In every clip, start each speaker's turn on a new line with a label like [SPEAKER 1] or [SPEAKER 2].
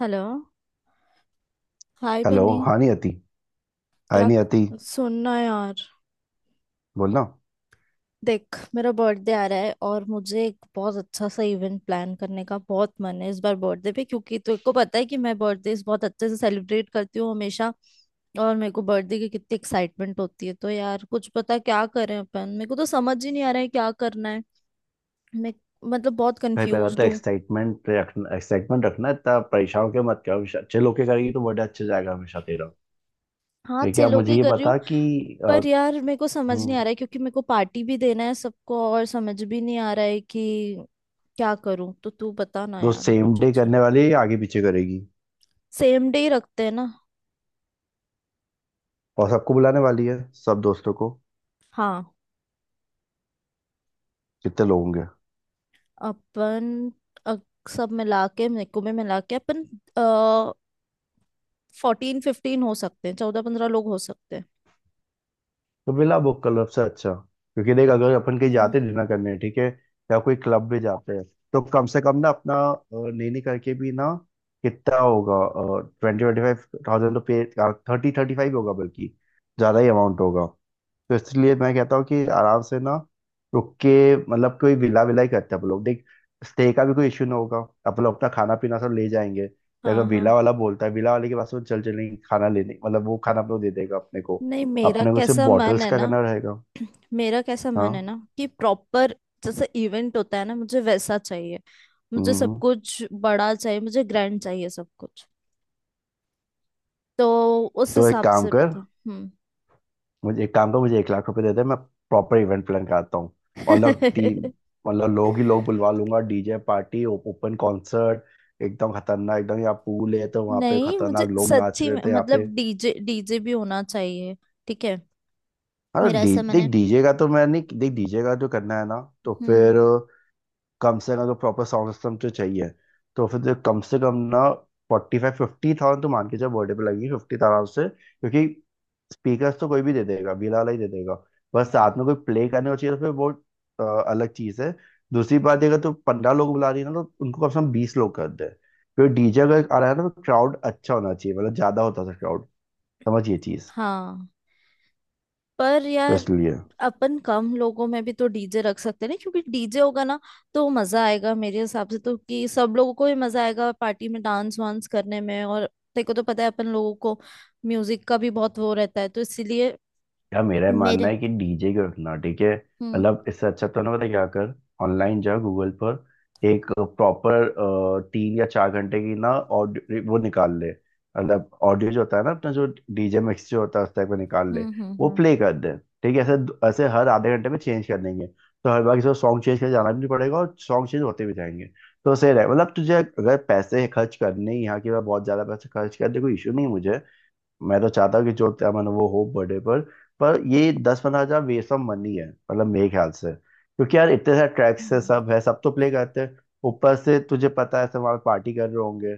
[SPEAKER 1] Hello. Hi
[SPEAKER 2] hello.
[SPEAKER 1] Bunny.
[SPEAKER 2] हाँ, नहीं आती, हाय
[SPEAKER 1] क्या?
[SPEAKER 2] नहीं आती,
[SPEAKER 1] सुनना यार,
[SPEAKER 2] बोलना।
[SPEAKER 1] देख मेरा बर्थडे आ रहा है और मुझे एक बहुत अच्छा सा इवेंट प्लान करने का बहुत मन है इस बार बर्थडे पे, क्योंकि तुझे को पता है कि मैं बर्थडे बहुत अच्छे से सेलिब्रेट करती हूँ हमेशा। और मेरे को बर्थडे की कितनी एक्साइटमेंट होती है। तो यार कुछ पता क्या करें अपन, मेरे को तो समझ ही नहीं आ रहा है क्या करना है। मैं मतलब बहुत
[SPEAKER 2] भाई पहले बात तो
[SPEAKER 1] कंफ्यूज हूँ।
[SPEAKER 2] एक्साइटमेंट रखना, एक्साइटमेंट रखना। इतना परेशान होकर मत करो, हमेशा अच्छे लोग के करेगी तो बर्थडे अच्छे जाएगा हमेशा तेरा।
[SPEAKER 1] हाँ,
[SPEAKER 2] देखिए,
[SPEAKER 1] छह
[SPEAKER 2] आप
[SPEAKER 1] लोग
[SPEAKER 2] मुझे
[SPEAKER 1] ही
[SPEAKER 2] ये
[SPEAKER 1] कर रही हूँ।
[SPEAKER 2] बता कि अ,
[SPEAKER 1] पर यार मेरे को समझ नहीं
[SPEAKER 2] हम्म,
[SPEAKER 1] आ रहा है, क्योंकि मेरे को पार्टी भी देना है सबको और समझ भी नहीं आ रहा है कि क्या करूं। तो तू बता ना
[SPEAKER 2] दोस्त
[SPEAKER 1] यार
[SPEAKER 2] सेम
[SPEAKER 1] कुछ
[SPEAKER 2] डे
[SPEAKER 1] अच्छा।
[SPEAKER 2] करने वाली है या आगे पीछे करेगी?
[SPEAKER 1] सेम डे ही रखते हैं ना।
[SPEAKER 2] और सबको बुलाने वाली है? सब दोस्तों को?
[SPEAKER 1] हाँ।
[SPEAKER 2] कितने लोग होंगे?
[SPEAKER 1] अपन अ, सब मिला के मेको में मिला के अपन 14 15 हो सकते हैं, 14 15 लोग हो सकते हैं।
[SPEAKER 2] तो बिला बुक क्लब से अच्छा, क्योंकि देख अगर अपन कहीं
[SPEAKER 1] हम्म।
[SPEAKER 2] जाते डिनर करने, ठीक है, या कोई क्लब में जाते हैं, तो कम से कम ना अपना नहीं नहीं करके भी ना कितना होगा? ट्वेंटी ट्वेंटी फाइव थाउजेंड तो पे, थर्टी थर्टी फाइव होगा, बल्कि ज्यादा ही अमाउंट होगा। तो इसलिए मैं कहता हूँ कि आराम से ना, रुक के, मतलब कोई विला विला ही करते हैं हम लोग, देख स्टे का भी कोई इश्यू ना होगा। अपन लोग अपना खाना पीना सब ले जाएंगे, या अगर
[SPEAKER 1] हाँ हाँ।
[SPEAKER 2] विला वाला बोलता है, विला वाले के पास वो चल चलेंगे खाना लेने, मतलब वो खाना अपने को दे देगा अपने को।
[SPEAKER 1] नहीं, मेरा
[SPEAKER 2] अपने को सिर्फ
[SPEAKER 1] कैसा मन
[SPEAKER 2] बॉटल्स
[SPEAKER 1] है
[SPEAKER 2] का
[SPEAKER 1] ना।
[SPEAKER 2] करना रहेगा।
[SPEAKER 1] मेरा कैसा मन है
[SPEAKER 2] हाँ।
[SPEAKER 1] ना कि प्रॉपर, जैसे इवेंट होता है ना, मुझे वैसा चाहिए। मुझे
[SPEAKER 2] हम्म
[SPEAKER 1] सब
[SPEAKER 2] हम्म।
[SPEAKER 1] कुछ बड़ा चाहिए, मुझे ग्रैंड चाहिए सब कुछ। तो उस
[SPEAKER 2] तो एक
[SPEAKER 1] हिसाब
[SPEAKER 2] काम
[SPEAKER 1] से
[SPEAKER 2] कर,
[SPEAKER 1] बता। हम्म।
[SPEAKER 2] मुझे एक काम करो, मुझे ₹1,00,000 दे दे, मैं प्रॉपर इवेंट प्लान कराता हूँ, और लोग टीम, मतलब लोग ही लोग बुलवा लूंगा, डीजे पार्टी, ओपन कॉन्सर्ट, एकदम खतरनाक एकदम। यहाँ पूल है तो वहाँ पे
[SPEAKER 1] नहीं, मुझे
[SPEAKER 2] खतरनाक लोग नाच
[SPEAKER 1] सच्ची
[SPEAKER 2] रहे
[SPEAKER 1] में
[SPEAKER 2] थे यहाँ पे।
[SPEAKER 1] मतलब डीजे डीजे भी होना चाहिए। ठीक है।
[SPEAKER 2] हाँ तो
[SPEAKER 1] मेरा
[SPEAKER 2] डी
[SPEAKER 1] ऐसा
[SPEAKER 2] देख
[SPEAKER 1] मैंने।
[SPEAKER 2] डीजे का तो मैं नहीं, देख डीजे का जो करना है ना, तो
[SPEAKER 1] हम्म।
[SPEAKER 2] फिर कम से कम अगर प्रॉपर साउंड सिस्टम तो चाहिए, तो फिर तो कम से कम ना फोर्टी फाइव फिफ्टी थाउजेंड तो मान के चलो, बर्थडे पे लगेगी फिफ्टी आराम से, क्योंकि स्पीकर्स तो कोई भी दे देगा, बीला वाला ही दे देगा। बस साथ
[SPEAKER 1] हम्म।
[SPEAKER 2] में कोई प्ले करने को चाहिए, तो फिर वो अलग चीज़ है। दूसरी बात ये, अगर तो 15 लोग बुला रही है ना, तो उनको कम से कम 20 लोग कर दे। फिर डीजे अगर आ रहा है ना तो क्राउड अच्छा होना चाहिए, मतलब ज़्यादा होता है क्राउड। समझिए चीज़,
[SPEAKER 1] हाँ। पर
[SPEAKER 2] तो
[SPEAKER 1] यार
[SPEAKER 2] इसलिए
[SPEAKER 1] अपन कम लोगों में भी तो डीजे रख सकते हैं ना, क्योंकि डीजे होगा ना तो मजा आएगा मेरे हिसाब से तो, कि सब लोगों को ही मजा आएगा पार्टी में डांस वांस करने में। और तेरे को तो पता है अपन लोगों को म्यूजिक का भी बहुत वो रहता है, तो इसीलिए
[SPEAKER 2] यार मेरा ये मानना
[SPEAKER 1] मेरे
[SPEAKER 2] है कि डीजे क्यों रखना? ठीक है,
[SPEAKER 1] हम्म।
[SPEAKER 2] मतलब इससे अच्छा तो ना पता क्या कर, ऑनलाइन जा गूगल पर, एक प्रॉपर 3 या 4 घंटे की ना ऑडियो वो निकाल ले, मतलब ऑडियो जो होता है ना अपना, जो डीजे मिक्स जो होता है उस टाइप का निकाल ले,
[SPEAKER 1] हम्म। हम्म।
[SPEAKER 2] वो
[SPEAKER 1] हम्म।
[SPEAKER 2] प्ले कर दे। ठीक है, ऐसे ऐसे हर आधे घंटे में चेंज कर देंगे, तो हर बार किसी सॉन्ग चेंज कर जाना भी नहीं पड़ेगा, और सॉन्ग चेंज होते भी जाएंगे। तो सही रहे, मतलब तुझे अगर पैसे खर्च करने ही, यहाँ की बार बहुत ज्यादा पैसे खर्च कर दे, कोई इशू नहीं मुझे। मैं तो चाहता हूँ कि जो क्या मन वो हो बर्थडे पर ये 10-15 हजार वेस्ट ऑफ मनी है मतलब मेरे ख्याल से, क्योंकि यार इतने सारे ट्रैक्स है,
[SPEAKER 1] हम्म।
[SPEAKER 2] सब है, सब तो प्ले करते हैं। ऊपर से तुझे पता है सब वहाँ पार्टी कर रहे होंगे,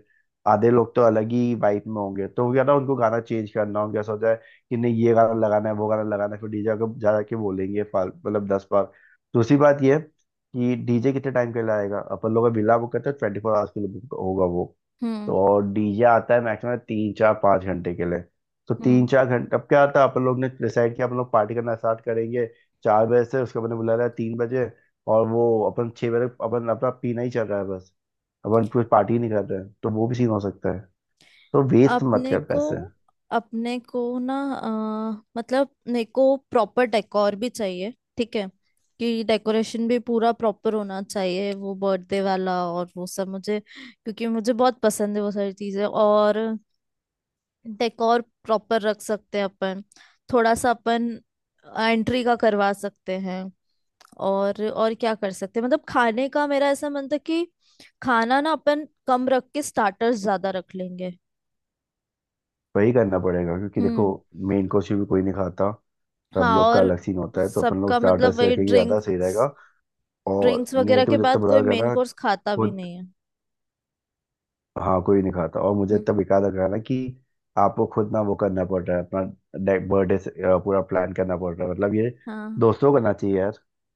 [SPEAKER 2] आधे लोग तो अलग ही वाइब में होंगे, तो क्या ना उनको गाना चेंज करना, उनका ऐसा हो जाए कि नहीं ये गाना लगाना है, वो गाना लगाना है, फिर डीजे को जा के बोलेंगे मतलब 10 बार। दूसरी बात ये है कि डीजे कितने टाइम के लिए आएगा? अपन लोग बिल्ला बुक करते हैं ट्वेंटी फोर आवर्स के लिए, book होगा वो। तो
[SPEAKER 1] हम्म।
[SPEAKER 2] और डीजे आता है मैक्सिमम 3 4 5 घंटे के लिए, तो
[SPEAKER 1] हम्म।
[SPEAKER 2] 3-4 घंटे, अब क्या था अपन लोग ने डिसाइड किया अपन लोग पार्टी करना स्टार्ट करेंगे 4 बजे से, उसके बाद ने बुला रहा है 3 बजे, और वो अपन 6 बजे, अपन अपना पीना ही चल रहा है बस, अपन कुछ पार्टी नहीं कर रहे हैं, तो वो भी सीन हो सकता है। तो वेस्ट मत
[SPEAKER 1] अपने
[SPEAKER 2] कर
[SPEAKER 1] को
[SPEAKER 2] पैसे।
[SPEAKER 1] अपने को ना, मतलब मेरे को प्रॉपर डेकोर भी चाहिए। ठीक है, कि डेकोरेशन भी पूरा प्रॉपर होना चाहिए, वो बर्थडे वाला और वो सब मुझे, क्योंकि मुझे बहुत पसंद है वो सारी चीजें। और डेकोर प्रॉपर रख सकते हैं अपन, थोड़ा सा अपन एंट्री का करवा सकते हैं। और क्या कर सकते हैं, मतलब खाने का मेरा ऐसा मन था कि खाना ना अपन कम रख के स्टार्टर्स ज्यादा रख लेंगे।
[SPEAKER 2] वही करना पड़ेगा, क्योंकि देखो
[SPEAKER 1] हम्म।
[SPEAKER 2] मेन कोर्स भी कोई नहीं खाता, सब
[SPEAKER 1] हाँ,
[SPEAKER 2] लोग का
[SPEAKER 1] और
[SPEAKER 2] अलग सीन होता है, तो अपन लोग
[SPEAKER 1] सबका मतलब
[SPEAKER 2] स्टार्टर्स
[SPEAKER 1] वही
[SPEAKER 2] रखेंगे ज्यादा, सही
[SPEAKER 1] ड्रिंक्स,
[SPEAKER 2] रहेगा। और
[SPEAKER 1] ड्रिंक्स वगैरह
[SPEAKER 2] नियति
[SPEAKER 1] के
[SPEAKER 2] में जितना
[SPEAKER 1] बाद
[SPEAKER 2] बुला
[SPEAKER 1] कोई
[SPEAKER 2] रखा
[SPEAKER 1] मेन
[SPEAKER 2] ना,
[SPEAKER 1] कोर्स खाता
[SPEAKER 2] वो,
[SPEAKER 1] भी नहीं है।
[SPEAKER 2] हाँ कोई नहीं खाता। और मुझे
[SPEAKER 1] हम्म।
[SPEAKER 2] तब याद रखना कि आपको खुद ना वो करना पड़ रहा है, अपना बर्थडे से पूरा प्लान करना पड़ रहा है, मतलब ये
[SPEAKER 1] हाँ।
[SPEAKER 2] दोस्तों को करना चाहिए यार,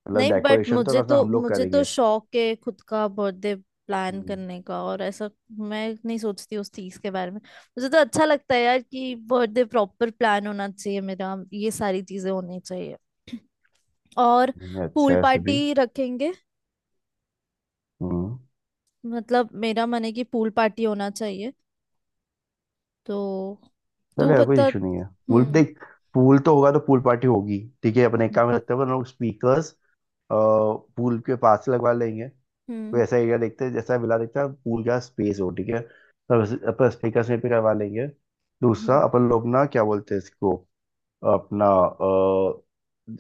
[SPEAKER 2] मतलब
[SPEAKER 1] नहीं, बट
[SPEAKER 2] डेकोरेशन तो
[SPEAKER 1] मुझे
[SPEAKER 2] कम से कम
[SPEAKER 1] तो
[SPEAKER 2] हम लोग
[SPEAKER 1] मुझे तो
[SPEAKER 2] करेंगे।
[SPEAKER 1] शौक है खुद का बर्थडे प्लान
[SPEAKER 2] हम्म,
[SPEAKER 1] करने का, और ऐसा मैं नहीं सोचती उस चीज के बारे में। मुझे तो अच्छा लगता है यार कि बर्थडे प्रॉपर प्लान होना चाहिए मेरा, ये सारी चीजें होनी चाहिए। और
[SPEAKER 2] नहीं अच्छा
[SPEAKER 1] पूल
[SPEAKER 2] है सभी।
[SPEAKER 1] पार्टी रखेंगे,
[SPEAKER 2] हम्म।
[SPEAKER 1] मतलब मेरा मन है कि पूल पार्टी होना चाहिए। तो तू
[SPEAKER 2] चलो यार, कोई
[SPEAKER 1] बता।
[SPEAKER 2] इशू नहीं है। पूल
[SPEAKER 1] हम्म।
[SPEAKER 2] देख, पूल तो होगा तो पूल पार्टी होगी, ठीक है। अपने एक काम करते हैं, अपन लोग स्पीकर्स पूल के पास लगवा लेंगे। कोई
[SPEAKER 1] हम्म।
[SPEAKER 2] ऐसा एरिया देखते हैं, जैसा विला देखते हैं पूल का स्पेस हो, ठीक है, तो अपन स्पीकर से पे करवा लेंगे।
[SPEAKER 1] हम्म।
[SPEAKER 2] दूसरा अपन लोग ना क्या बोलते हैं इसको, अपना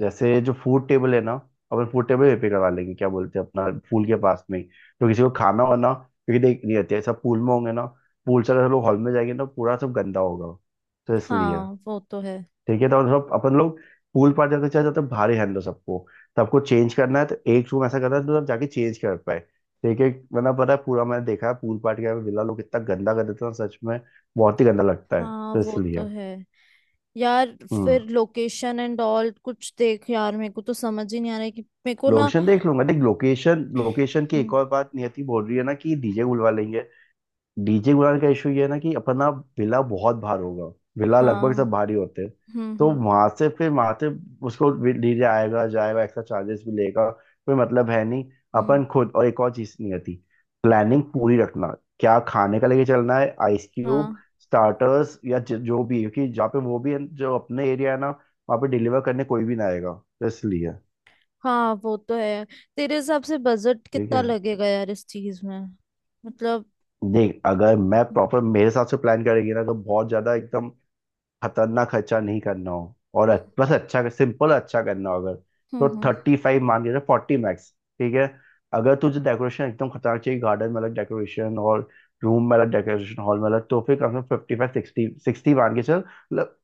[SPEAKER 2] जैसे जो फूड टेबल है ना, अपन फूड टेबल पे करवा लेंगे, क्या बोलते हैं, अपना पूल के पास में ही। तो किसी को खाना वाना, क्योंकि देख नहीं रहते, सब पूल में होंगे ना, पूल से अगर हम लोग हॉल में जाएंगे ना, पूरा सब गंदा होगा, तो इसलिए
[SPEAKER 1] हाँ वो तो है।
[SPEAKER 2] ठीक है, तो मतलब अपन लोग पूल पार जाते चले जाते हैं, भारी हैंडल सबको। तो आपको चेंज करना है, तो एक रूम ऐसा करना है तो आप जाके चेंज कर पाए। ठीक है, वरना पता है, पूरा मैंने देखा है पूल पार्टी का, विला लोग इतना गंदा कर देते हैं ना, सच में बहुत ही गंदा लगता है,
[SPEAKER 1] हाँ
[SPEAKER 2] तो
[SPEAKER 1] वो तो
[SPEAKER 2] इसलिए।
[SPEAKER 1] है। यार
[SPEAKER 2] हम्म।
[SPEAKER 1] फिर लोकेशन एंड ऑल कुछ देख यार, मेरे को तो समझ ही नहीं आ रहा है कि मेरे को ना।
[SPEAKER 2] लोकेशन देख लूंगा। देख लोकेशन, लोकेशन की एक
[SPEAKER 1] हम्म।
[SPEAKER 2] और बात, नियति बोल रही है ना कि डीजे बुलवा लेंगे, डीजे गुलाल का इशू ये है ना कि अपना विला बहुत भार होगा, विला लगभग
[SPEAKER 1] हाँ।
[SPEAKER 2] सब भारी होते हैं,
[SPEAKER 1] हम्म।
[SPEAKER 2] तो
[SPEAKER 1] हम्म।
[SPEAKER 2] वहां से, फिर वहां से उसको डीजे आएगा जाएगा, एक्स्ट्रा चार्जेस भी लेगा, कोई मतलब है नहीं।
[SPEAKER 1] हम्म।
[SPEAKER 2] अपन खुद, और एक और चीज नहीं आती, प्लानिंग पूरी रखना, क्या खाने का लेके चलना है, आइस क्यूब,
[SPEAKER 1] हाँ।
[SPEAKER 2] स्टार्टर्स, या जो भी, क्योंकि जहाँ पे, वो भी है जो अपने एरिया है ना, वहाँ पे डिलीवर करने कोई भी ना आएगा, तो इसलिए।
[SPEAKER 1] हाँ वो तो है। तेरे हिसाब से बजट
[SPEAKER 2] ठीक
[SPEAKER 1] कितना
[SPEAKER 2] है,
[SPEAKER 1] लगेगा यार इस चीज में? मतलब।
[SPEAKER 2] देख अगर मैं प्रॉपर मेरे हिसाब से प्लान करेगी ना, तो बहुत ज्यादा एकदम खतरनाक खर्चा नहीं करना हो और
[SPEAKER 1] हम्म।
[SPEAKER 2] बस अच्छा सिंपल अच्छा करना हो अगर,
[SPEAKER 1] हम्म।
[SPEAKER 2] तो
[SPEAKER 1] हम्म।
[SPEAKER 2] थर्टी फाइव मान के फोर्टी मैक्स, ठीक है। अगर तुझे डेकोरेशन एकदम खतरनाक चाहिए, गार्डन में अलग डेकोरेशन और रूम में अलग डेकोरेशन, हॉल में अलग, तो फिर कम से कम फिफ्टी फाइव सिक्सटी सिक्सटी मान के चल, मतलब,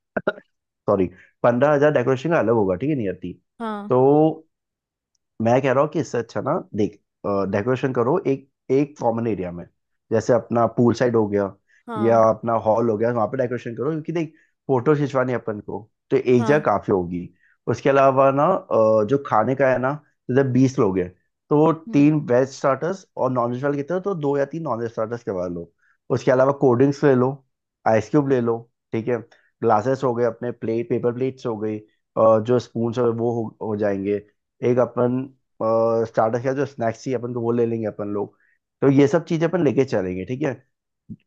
[SPEAKER 2] सॉरी, 15,000 डेकोरेशन का अलग होगा, ठीक है, नहीं आती।
[SPEAKER 1] हाँ।
[SPEAKER 2] तो मैं कह रहा हूँ कि इससे अच्छा ना, देख डेकोरेशन करो एक एक कॉमन एरिया में, जैसे अपना पूल साइड हो गया या
[SPEAKER 1] हाँ।
[SPEAKER 2] अपना हॉल हो गया, वहां पे डेकोरेशन करो, क्योंकि देख फोटो खिंचवानी है अपन को, तो एक जगह
[SPEAKER 1] हाँ।
[SPEAKER 2] काफी होगी। उसके अलावा ना जो खाने का है ना, जैसे 20 लोग हैं, तो
[SPEAKER 1] हम्म।
[SPEAKER 2] तीन वेज स्टार्टर्स और नॉन वेज वाले कितने, तो दो या तीन नॉन वेज स्टार्टर्स करवा लो। उसके अलावा कोल्ड ड्रिंक्स ले लो, आइस क्यूब ले लो, ठीक है। ग्लासेस हो गए, अपने प्लेट पेपर प्लेट्स हो गई, जो स्पून हो गए वो हो जाएंगे। एक अपन स्टार्टर का जो स्नैक्स ही अपन को, वो ले लेंगे अपन लोग, तो ये सब चीजें अपन लेके चलेंगे, ठीक है।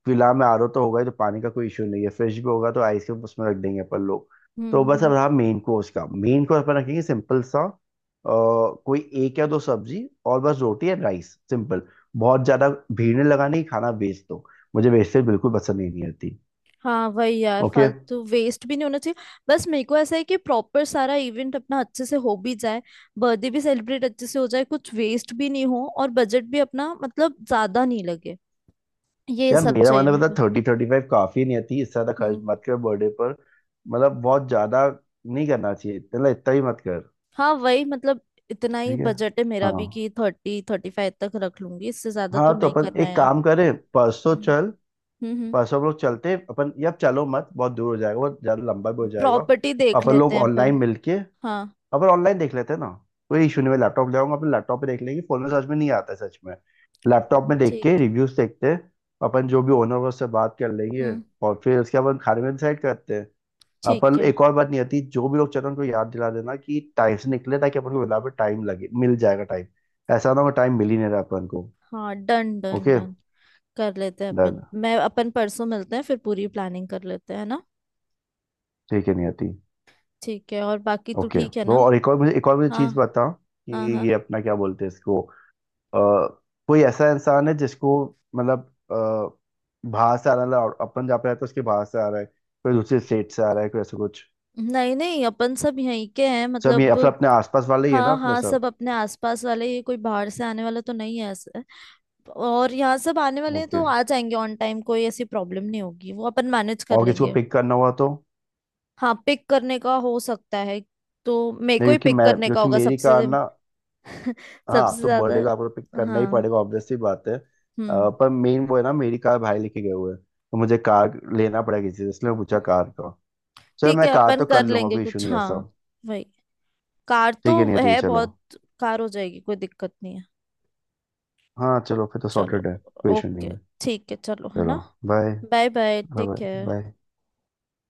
[SPEAKER 2] फिलहाल में आरओ तो होगा ही, तो पानी का कोई इशू नहीं है, फ्रिज भी होगा तो आइसक्रीम उसमें रख देंगे अपन लोग। तो
[SPEAKER 1] हम्म।
[SPEAKER 2] बस अब
[SPEAKER 1] हम्म।
[SPEAKER 2] रहा मेन कोर्स का, मेन कोर्स अपन रखेंगे सिंपल सा कोई एक या दो सब्जी, और बस रोटी एंड राइस, सिंपल। बहुत ज्यादा भीड़ नहीं लगानी, खाना वेस्ट दो, मुझे वेस्टेज बिल्कुल पसंद ही नहीं आती।
[SPEAKER 1] हाँ वही यार,
[SPEAKER 2] ओके।
[SPEAKER 1] फालतू वेस्ट भी नहीं होना चाहिए। बस मेरे को ऐसा है कि प्रॉपर सारा इवेंट अपना अच्छे से हो भी जाए, बर्थडे भी सेलिब्रेट अच्छे से हो जाए, कुछ वेस्ट भी नहीं हो और बजट भी अपना मतलब ज्यादा नहीं लगे। ये
[SPEAKER 2] यार
[SPEAKER 1] सब
[SPEAKER 2] मेरा
[SPEAKER 1] चाहिए
[SPEAKER 2] मानना
[SPEAKER 1] मेरे
[SPEAKER 2] पता,
[SPEAKER 1] को।
[SPEAKER 2] थर्टी थर्टी फाइव काफी, नहीं आती इससे ज्यादा खर्च
[SPEAKER 1] हम्म।
[SPEAKER 2] मत कर बर्थडे पर। मतलब बहुत ज्यादा नहीं करना चाहिए, मतलब इतना ही मत कर।
[SPEAKER 1] हाँ वही मतलब, इतना ही
[SPEAKER 2] ठीक है।
[SPEAKER 1] बजट है मेरा
[SPEAKER 2] हाँ,
[SPEAKER 1] भी कि 30 35 तक रख लूंगी, इससे ज्यादा तो
[SPEAKER 2] हाँ तो
[SPEAKER 1] नहीं
[SPEAKER 2] अपन
[SPEAKER 1] करना है
[SPEAKER 2] एक
[SPEAKER 1] यार।
[SPEAKER 2] काम करें परसों,
[SPEAKER 1] हम्म।
[SPEAKER 2] चल
[SPEAKER 1] हम्म।
[SPEAKER 2] परसों हम लोग चलते हैं, अपन यार चलो मत, बहुत दूर हो जाएगा, बहुत ज्यादा लंबा भी हो जाएगा।
[SPEAKER 1] प्रॉपर्टी देख
[SPEAKER 2] अपन लोग
[SPEAKER 1] लेते हैं पर।
[SPEAKER 2] ऑनलाइन मिलके,
[SPEAKER 1] हाँ।
[SPEAKER 2] अपन ऑनलाइन देख लेते हैं ना, कोई इशू नहीं, मैं लैपटॉप ले आऊंगा, अपन लैपटॉप पे देख लेंगे, फोन में समझ में नहीं आता है सच में, लैपटॉप में देख के
[SPEAKER 1] ठीक।
[SPEAKER 2] रिव्यूज देखते हैं। अपन जो भी ओनर उससे बात कर लेंगे,
[SPEAKER 1] हम्म।
[SPEAKER 2] और फिर उसके बाद अपन खाने में डिसाइड करते हैं।
[SPEAKER 1] ठीक
[SPEAKER 2] पर
[SPEAKER 1] है।
[SPEAKER 2] एक और बात नहीं आती, जो भी लोग चल रहे हैं उनको याद दिला देना कि टाइम से निकले, ताकि अपन को बराबर टाइम लगे, मिल जाएगा टाइम, ऐसा ना हो टाइम मिल ही नहीं रहा अपन को।
[SPEAKER 1] हाँ डन डन
[SPEAKER 2] ओके,
[SPEAKER 1] डन, कर लेते हैं अपन।
[SPEAKER 2] डन।
[SPEAKER 1] मैं अपन परसों मिलते हैं फिर, पूरी प्लानिंग कर लेते हैं ना।
[SPEAKER 2] ठीक है नहीं आती।
[SPEAKER 1] ठीक है, और बाकी तू
[SPEAKER 2] ओके,
[SPEAKER 1] ठीक है ना?
[SPEAKER 2] वो और एक और मुझे
[SPEAKER 1] हाँ।
[SPEAKER 2] चीज बता कि
[SPEAKER 1] हाँ हाँ।
[SPEAKER 2] ये अपना क्या बोलते हैं इसको, अ, कोई ऐसा इंसान है जिसको, मतलब बाहर से आ रहा है, और अपन जहाँ पे रहते हैं उसके बाहर से आ रहा है, कोई दूसरे स्टेट से आ रहा है, कोई ऐसा कुछ?
[SPEAKER 1] नहीं नहीं, अपन सब यहीं के हैं
[SPEAKER 2] सब ये
[SPEAKER 1] मतलब।
[SPEAKER 2] अपने अपने आसपास वाले ही है ना
[SPEAKER 1] हाँ
[SPEAKER 2] अपने
[SPEAKER 1] हाँ,
[SPEAKER 2] सब?
[SPEAKER 1] सब अपने आसपास वाले, ये कोई बाहर से आने वाला तो नहीं है ऐसे। और यहाँ सब आने वाले हैं
[SPEAKER 2] ओके।
[SPEAKER 1] तो आ जाएंगे ऑन टाइम, कोई ऐसी प्रॉब्लम नहीं होगी, वो अपन मैनेज कर
[SPEAKER 2] और किसी को
[SPEAKER 1] लेंगे।
[SPEAKER 2] पिक करना हुआ तो?
[SPEAKER 1] हाँ पिक करने का हो सकता है, तो मेरे
[SPEAKER 2] नहीं,
[SPEAKER 1] को ही पिक करने का
[SPEAKER 2] क्योंकि
[SPEAKER 1] होगा
[SPEAKER 2] मेरी कार
[SPEAKER 1] सबसे,
[SPEAKER 2] ना, हाँ
[SPEAKER 1] सबसे
[SPEAKER 2] तो बर्थडे
[SPEAKER 1] ज्यादा।
[SPEAKER 2] को आपको पिक करना ही
[SPEAKER 1] हाँ।
[SPEAKER 2] पड़ेगा ऑब्वियसली बात है,
[SPEAKER 1] हम्म।
[SPEAKER 2] पर मेन वो है ना, मेरी कार भाई लेके गए हुए हैं, तो मुझे कार लेना पड़ेगा किसी से, इसलिए मैं पूछा कार का। चलो
[SPEAKER 1] ठीक
[SPEAKER 2] मैं
[SPEAKER 1] है,
[SPEAKER 2] कार
[SPEAKER 1] अपन
[SPEAKER 2] तो कर
[SPEAKER 1] कर
[SPEAKER 2] लूंगा,
[SPEAKER 1] लेंगे
[SPEAKER 2] कोई इशू
[SPEAKER 1] कुछ।
[SPEAKER 2] नहीं है
[SPEAKER 1] हाँ
[SPEAKER 2] सब।
[SPEAKER 1] वही, कार तो
[SPEAKER 2] ठीक है, नहीं ठीक है
[SPEAKER 1] है
[SPEAKER 2] चलो।
[SPEAKER 1] बहुत, कार हो जाएगी, कोई दिक्कत नहीं है।
[SPEAKER 2] हाँ, चलो फिर तो
[SPEAKER 1] चलो।
[SPEAKER 2] सॉर्टेड है, कोई इशू नहीं
[SPEAKER 1] ओके।
[SPEAKER 2] है।
[SPEAKER 1] ठीक है चलो, है
[SPEAKER 2] चलो,
[SPEAKER 1] ना।
[SPEAKER 2] Bye.
[SPEAKER 1] Bye. Bye
[SPEAKER 2] bye.
[SPEAKER 1] Take care.
[SPEAKER 2] Bye.